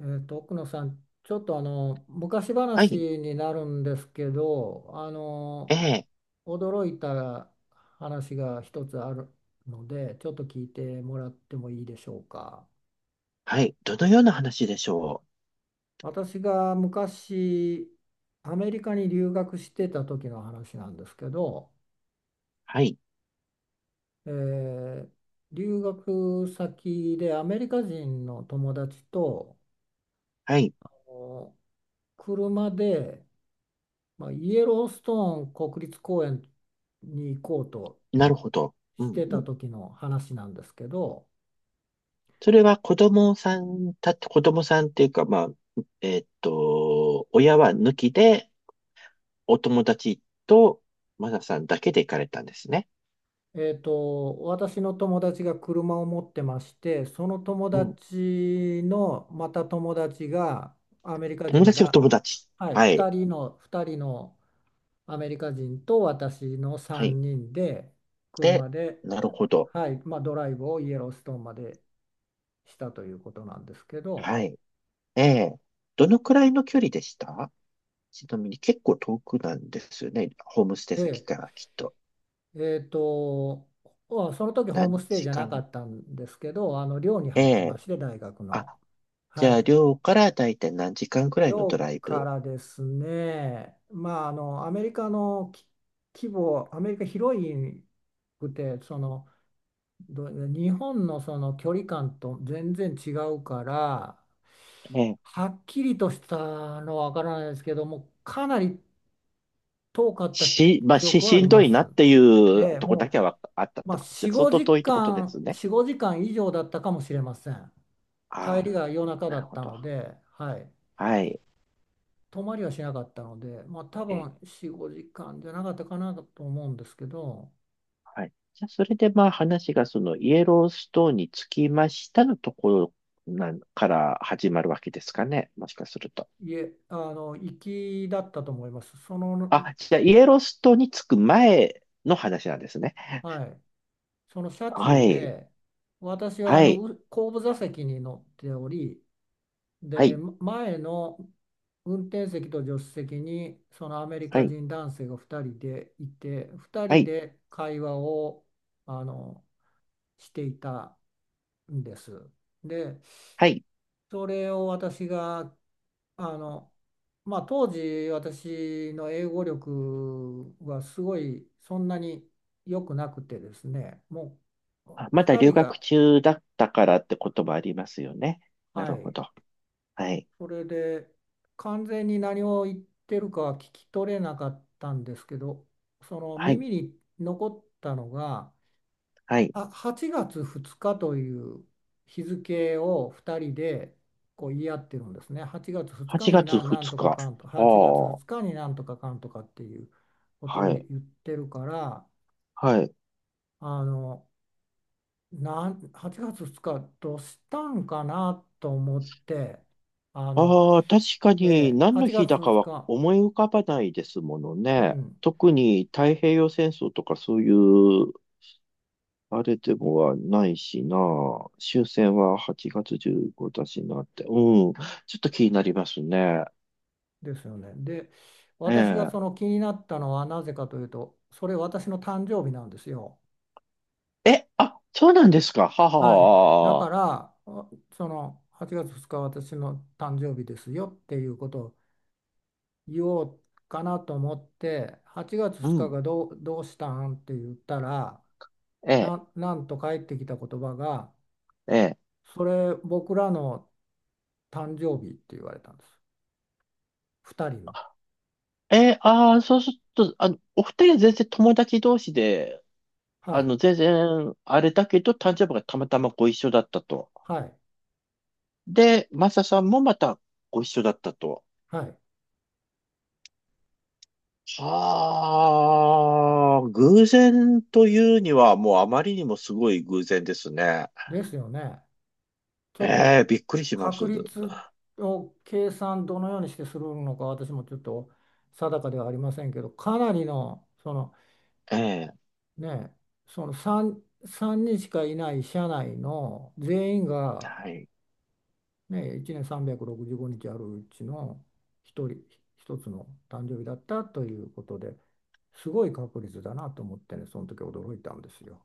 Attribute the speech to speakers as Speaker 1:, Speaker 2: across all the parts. Speaker 1: 奥野さん、ちょっと昔
Speaker 2: は
Speaker 1: 話
Speaker 2: い。
Speaker 1: になるんですけど、
Speaker 2: ええ。
Speaker 1: 驚いた話が一つあるので、ちょっと聞いてもらってもいいでしょうか。
Speaker 2: はい。どのような話でしょう。
Speaker 1: 私が昔アメリカに留学してた時の話なんですけど、
Speaker 2: はい。
Speaker 1: えー留学先でアメリカ人の友達と
Speaker 2: はい。
Speaker 1: お車で、まあ、イエローストーン国立公園に行こうと
Speaker 2: なるほど。う
Speaker 1: し
Speaker 2: ん
Speaker 1: て
Speaker 2: う
Speaker 1: た
Speaker 2: ん。
Speaker 1: 時の話なんですけど、
Speaker 2: それは子供さんっていうか、まあ、親は抜きで、お友達と、マナさんだけで行かれたんですね。
Speaker 1: 私の友達が車を持ってまして、その友
Speaker 2: うん。
Speaker 1: 達のまた友達がアメリカ人
Speaker 2: 友
Speaker 1: の
Speaker 2: 達、お
Speaker 1: だ、
Speaker 2: 友達。
Speaker 1: はい、
Speaker 2: はい。
Speaker 1: 2人のアメリカ人と私の
Speaker 2: はい。
Speaker 1: 3人で
Speaker 2: で、
Speaker 1: 車で、
Speaker 2: なるほど。
Speaker 1: はい、まあ、ドライブをイエローストーンまでしたということなんですけど。
Speaker 2: はい。ええ。どのくらいの距離でした？ちなみに結構遠くなんですよね。ホームステイ
Speaker 1: え
Speaker 2: 先
Speaker 1: え
Speaker 2: からきっと。
Speaker 1: えっと、その時ホー
Speaker 2: 何
Speaker 1: ムステイじ
Speaker 2: 時
Speaker 1: ゃなか
Speaker 2: 間？
Speaker 1: ったんですけど、寮に
Speaker 2: え
Speaker 1: 入ってま
Speaker 2: え。
Speaker 1: して、大学
Speaker 2: あ、
Speaker 1: の。
Speaker 2: じ
Speaker 1: は
Speaker 2: ゃあ、
Speaker 1: い。
Speaker 2: 寮からだいたい何時間くらいのド
Speaker 1: 寮
Speaker 2: ライ
Speaker 1: か
Speaker 2: ブ。
Speaker 1: らですね、まあ、あの、アメリカのき規模、アメリカ広いくて、日本のその距離感と全然違うから、
Speaker 2: ね。
Speaker 1: はっきりとしたのはわからないですけども、かなり遠かった
Speaker 2: まあ、
Speaker 1: 記憶はあ
Speaker 2: し
Speaker 1: り
Speaker 2: んど
Speaker 1: ま
Speaker 2: いな
Speaker 1: す。
Speaker 2: ってい
Speaker 1: え
Speaker 2: う
Speaker 1: え、
Speaker 2: とこだ
Speaker 1: もう、
Speaker 2: けはあったっ
Speaker 1: まあ、
Speaker 2: てことで、相当遠いってことですね。
Speaker 1: 4、5時間以上だったかもしれません。
Speaker 2: あ
Speaker 1: 帰り
Speaker 2: あ、
Speaker 1: が夜中
Speaker 2: な
Speaker 1: だ
Speaker 2: る
Speaker 1: っ
Speaker 2: ほ
Speaker 1: た
Speaker 2: ど。
Speaker 1: ので、はい。
Speaker 2: はい。
Speaker 1: 泊まりはしなかったので、まあ、多
Speaker 2: え
Speaker 1: 分
Speaker 2: ー
Speaker 1: 4、5時間じゃなかったかなと思うんですけど。
Speaker 2: はい。じゃあ、それでまあ話がそのイエローストーンにつきましたのところなんから始まるわけですかね。もしかすると。
Speaker 1: いえ、行きだったと思います。
Speaker 2: あ、じゃあ、イエローストーンに着く前の話なんですね。
Speaker 1: はい。その車
Speaker 2: は
Speaker 1: 中
Speaker 2: い。
Speaker 1: で、私は
Speaker 2: はい。
Speaker 1: 後部座席に乗っており、
Speaker 2: は
Speaker 1: で、
Speaker 2: い。
Speaker 1: 前の運転席と助手席にそのアメリ
Speaker 2: は
Speaker 1: カ
Speaker 2: い。
Speaker 1: 人男性が2人でいて、2
Speaker 2: は
Speaker 1: 人
Speaker 2: い。
Speaker 1: で会話をあのしていたんです。で、
Speaker 2: はい。
Speaker 1: それを私が、あの、まあ、当時私の英語力はすごいそんなに良くなくてですね、もう
Speaker 2: あ、まだ
Speaker 1: 2
Speaker 2: 留
Speaker 1: 人
Speaker 2: 学
Speaker 1: が、
Speaker 2: 中だったからってこともありますよね。な
Speaker 1: は
Speaker 2: るほ
Speaker 1: い、
Speaker 2: ど。はい。
Speaker 1: それで完全に何を言ってるかは聞き取れなかったんですけど、その
Speaker 2: はい。
Speaker 1: 耳に残ったのが、
Speaker 2: はい。
Speaker 1: 8月2日という日付を2人でこう言い合ってるんですね。8月2日
Speaker 2: 8
Speaker 1: に
Speaker 2: 月
Speaker 1: ん
Speaker 2: 2
Speaker 1: とか
Speaker 2: 日。
Speaker 1: かんと
Speaker 2: あ
Speaker 1: 8月
Speaker 2: あ。
Speaker 1: 2日になんとかかんとかっていうことを
Speaker 2: はい。
Speaker 1: 言ってるから、
Speaker 2: はい。
Speaker 1: あのなん8月2日どうしたんかなと思って、あの
Speaker 2: ああ、確か
Speaker 1: え
Speaker 2: に
Speaker 1: え、
Speaker 2: 何の
Speaker 1: 8
Speaker 2: 日
Speaker 1: 月
Speaker 2: だか
Speaker 1: 2
Speaker 2: は
Speaker 1: 日、
Speaker 2: 思い浮かばないですもの
Speaker 1: う
Speaker 2: ね。
Speaker 1: ん、
Speaker 2: 特に太平洋戦争とかそういう、あれでもはないしな。終戦は8月15だしなって。うん。ちょっと気になりますね。
Speaker 1: ですよね。で、私がそ
Speaker 2: え
Speaker 1: の気になったのはなぜかというと、それ私の誕生日なんですよ。
Speaker 2: え。え、あ、そうなんですか。はは
Speaker 1: はい。だ
Speaker 2: は
Speaker 1: か
Speaker 2: は。
Speaker 1: ら、その8月2日私の誕生日ですよっていうことを言おうかなと思って、8月
Speaker 2: う
Speaker 1: 2日
Speaker 2: ん。
Speaker 1: がどう、どうしたんって言ったら、
Speaker 2: ええ。
Speaker 1: なんと返ってきた言葉が、
Speaker 2: え
Speaker 1: それ僕らの誕生日って言われたんです。2人の。
Speaker 2: え。ああ、そうすると、お二人は全然友達同士で、
Speaker 1: はい。
Speaker 2: 全然、あれだけど、誕生日がたまたまご一緒だったと。
Speaker 1: はい。
Speaker 2: で、マサさんもまたご一緒だったと。
Speaker 1: はい。
Speaker 2: はあ、偶然というには、もうあまりにもすごい偶然ですね。
Speaker 1: ですよね。ちょっ
Speaker 2: え
Speaker 1: と
Speaker 2: え、びっくりします。
Speaker 1: 確率を計算どのようにしてするのか私もちょっと定かではありませんけど、かなりのその、
Speaker 2: ええ、
Speaker 1: ね、その3人しかいない社内の全員が、
Speaker 2: はい。
Speaker 1: ね、1年365日あるうちの一人一つの誕生日だったということで、すごい確率だなと思ってね、その時驚いたんですよ。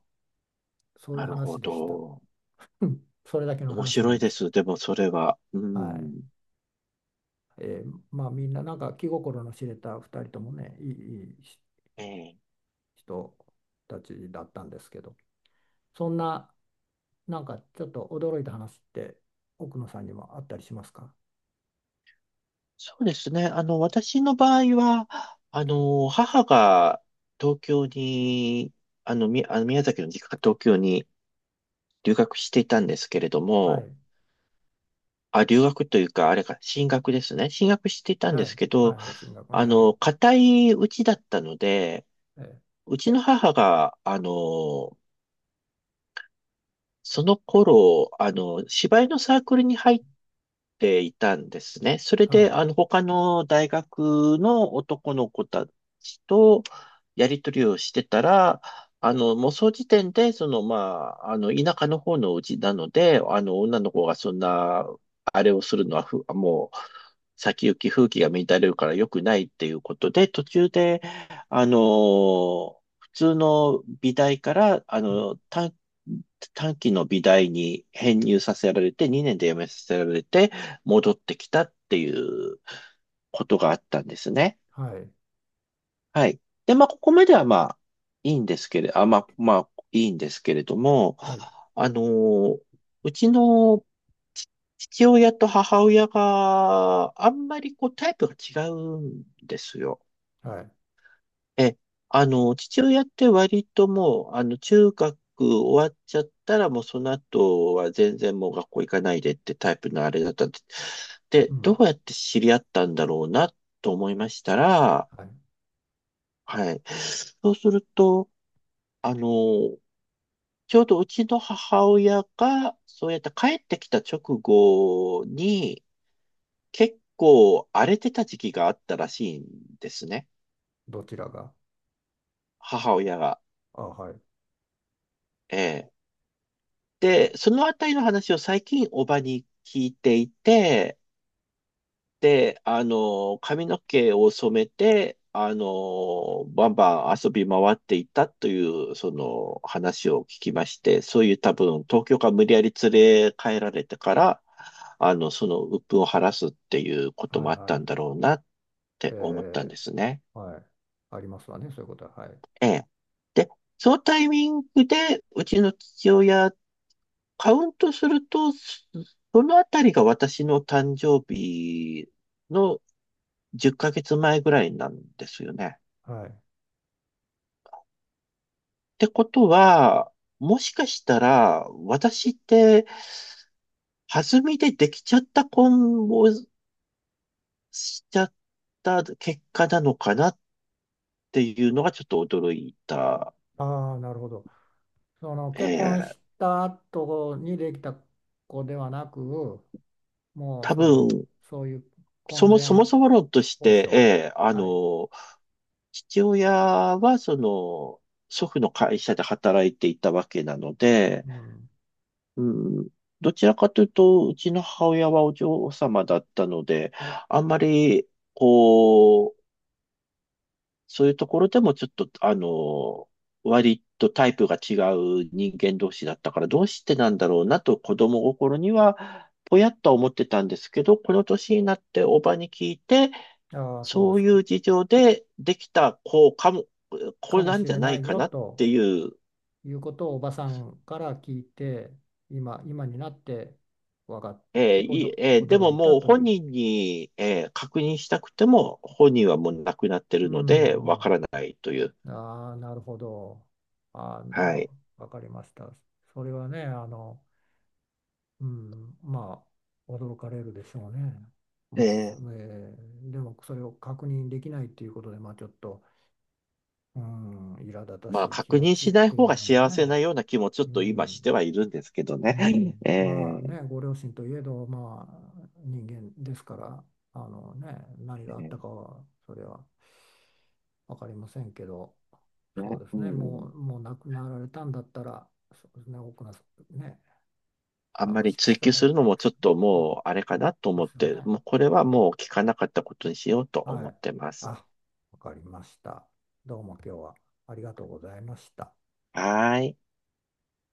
Speaker 1: そうい
Speaker 2: な
Speaker 1: う
Speaker 2: るほ
Speaker 1: 話でした。
Speaker 2: ど。
Speaker 1: うん、それだけの
Speaker 2: 面
Speaker 1: 話な
Speaker 2: 白い
Speaker 1: んで
Speaker 2: で
Speaker 1: す。
Speaker 2: す。でも、それは。う
Speaker 1: はい。
Speaker 2: ん。
Speaker 1: まあ、みんななんか気心の知れた2人ともね、いい
Speaker 2: ええ。
Speaker 1: 人たちだったんですけど、そんな、なんかちょっと驚いた話って奥野さんにもあったりしますか？
Speaker 2: そうですね。私の場合は、母が東京に、あの宮崎の実家が東京に留学していたんですけれど
Speaker 1: は
Speaker 2: も、
Speaker 1: い。
Speaker 2: あ、留学というか、あれか、進学ですね。進学していたん
Speaker 1: は
Speaker 2: です
Speaker 1: い
Speaker 2: けど、
Speaker 1: はい、進学ね、はい。
Speaker 2: 固いうちだったので、
Speaker 1: えー
Speaker 2: うちの母が、その頃、芝居のサークルに入っていたんですね。それ
Speaker 1: は
Speaker 2: で、
Speaker 1: あ、
Speaker 2: 他の大学の男の子たちとやり取りをしてたら、もうその時点で、まあ、田舎の方のうちなので、女の子がそんな、あれをするのはもう、先行き風紀が乱れるから良くないっていうことで、途中で、普通の美大から、
Speaker 1: うん、
Speaker 2: 短期の美大に編入させられて、2年で辞めさせられて、戻ってきたっていうことがあったんですね。
Speaker 1: はい
Speaker 2: はい。で、まあ、ここまではまあ、いいんですけれども、
Speaker 1: はい
Speaker 2: あのーうちのち父親と母親があんまりこうタイプが違うんですよ。
Speaker 1: はい、
Speaker 2: え、あの、父親って割ともう、中学終わっちゃったらもうその後は全然もう学校行かないでってタイプのあれだったんです。
Speaker 1: う
Speaker 2: で、ど
Speaker 1: ん、
Speaker 2: うやって知り合ったんだろうなと思いましたら、
Speaker 1: はい。
Speaker 2: はい。そうすると、あの、ちょうどうちの母親が、そうやって帰ってきた直後に、結構荒れてた時期があったらしいんですね。
Speaker 1: どちらが？
Speaker 2: 母親が。
Speaker 1: あ、はい。
Speaker 2: ええ。で、そのあたりの話を最近おばに聞いていて、で、髪の毛を染めて、バンバン遊び回っていたという、その話を聞きまして、そういう多分、東京から無理やり連れ帰られてから、その鬱憤を晴らすっていうこと
Speaker 1: はい
Speaker 2: もあったん
Speaker 1: は
Speaker 2: だろうなっ
Speaker 1: い。
Speaker 2: て思ったんですね。
Speaker 1: はい、ありますわね、そういうことは。はい。
Speaker 2: ええ。で、そのタイミングで、うちの父親、カウントすると、そのあたりが私の誕生日の10ヶ月前ぐらいなんですよね。
Speaker 1: はい。
Speaker 2: ってことは、もしかしたら、私って、弾みでできちゃった婚をしちゃった結果なのかなっていうのがちょっと驚いた。
Speaker 1: ああ、ーなるほど。その結婚
Speaker 2: ええ。
Speaker 1: した後にできた子ではなく、もう
Speaker 2: 多
Speaker 1: その、
Speaker 2: 分、
Speaker 1: そういう
Speaker 2: そ
Speaker 1: 婚
Speaker 2: も
Speaker 1: 前
Speaker 2: そもそも論とし
Speaker 1: 交
Speaker 2: て、え
Speaker 1: 渉、
Speaker 2: え。
Speaker 1: はい、
Speaker 2: 父親は、祖父の会社で働いていたわけなので、
Speaker 1: うん、
Speaker 2: うん、どちらかというと、うちの母親はお嬢様だったので、あんまり、こう、そういうところでもちょっと、割とタイプが違う人間同士だったから、どうしてなんだろうなと子供心には、ぽやっとは思ってたんですけど、この年になっておばに聞いて、
Speaker 1: ああ、そうで
Speaker 2: そう
Speaker 1: す
Speaker 2: い
Speaker 1: か、
Speaker 2: う事情でできた子かも、こ
Speaker 1: か
Speaker 2: れ
Speaker 1: も
Speaker 2: なん
Speaker 1: し
Speaker 2: じゃ
Speaker 1: れ
Speaker 2: な
Speaker 1: な
Speaker 2: い
Speaker 1: い
Speaker 2: か
Speaker 1: よ
Speaker 2: なっ
Speaker 1: と
Speaker 2: ていう、
Speaker 1: いうことをおばさんから聞いて、今、今になって分かって、
Speaker 2: いい、で
Speaker 1: 驚
Speaker 2: も、
Speaker 1: いた
Speaker 2: もう
Speaker 1: とい
Speaker 2: 本
Speaker 1: う。
Speaker 2: 人に、確認したくても、本人はもう亡くなって
Speaker 1: う
Speaker 2: るので、わか
Speaker 1: ん。
Speaker 2: らないという。
Speaker 1: うん、ああ、なるほど。ああ、なるほ
Speaker 2: は
Speaker 1: ど、
Speaker 2: い。
Speaker 1: わかりました。それはね、あの、うん、まあ、驚かれるでしょうね。
Speaker 2: え
Speaker 1: もし、
Speaker 2: ー
Speaker 1: でもそれを確認できないっていうことで、まあ、ちょっと、うん、苛立た
Speaker 2: まあ、
Speaker 1: しい気
Speaker 2: 確
Speaker 1: 持
Speaker 2: 認
Speaker 1: ちっ
Speaker 2: しない
Speaker 1: て
Speaker 2: 方
Speaker 1: いう
Speaker 2: が
Speaker 1: のも
Speaker 2: 幸せな
Speaker 1: ね、
Speaker 2: ような気もちょっ
Speaker 1: う
Speaker 2: と今
Speaker 1: ん、
Speaker 2: してはいるんですけど
Speaker 1: う
Speaker 2: ね。
Speaker 1: ん、まあ
Speaker 2: えー。
Speaker 1: ね、ご両親といえど、まあ、人間ですから、あのね、何
Speaker 2: え
Speaker 1: があった
Speaker 2: ー。
Speaker 1: かは、それは分かりませんけど、そう
Speaker 2: ね。
Speaker 1: です
Speaker 2: う
Speaker 1: ね、
Speaker 2: んうん。
Speaker 1: もう亡くなられたんだったら、そうですね、奥の、ね、
Speaker 2: あん
Speaker 1: あ
Speaker 2: ま
Speaker 1: の、
Speaker 2: り
Speaker 1: 仕
Speaker 2: 追求
Speaker 1: 方
Speaker 2: す
Speaker 1: が
Speaker 2: る
Speaker 1: な
Speaker 2: の
Speaker 1: いで
Speaker 2: もち
Speaker 1: す
Speaker 2: ょっ
Speaker 1: よ
Speaker 2: と
Speaker 1: ね。う
Speaker 2: もうあれ
Speaker 1: ん、
Speaker 2: かなと思
Speaker 1: で
Speaker 2: っ
Speaker 1: すよ
Speaker 2: て、
Speaker 1: ね。
Speaker 2: もうこれは
Speaker 1: あ、
Speaker 2: もう聞かなかったことにしようと
Speaker 1: は
Speaker 2: 思っ
Speaker 1: い。
Speaker 2: てま
Speaker 1: あ、
Speaker 2: す。
Speaker 1: わかりました。どうも今日はありがとうございました。
Speaker 2: はーい。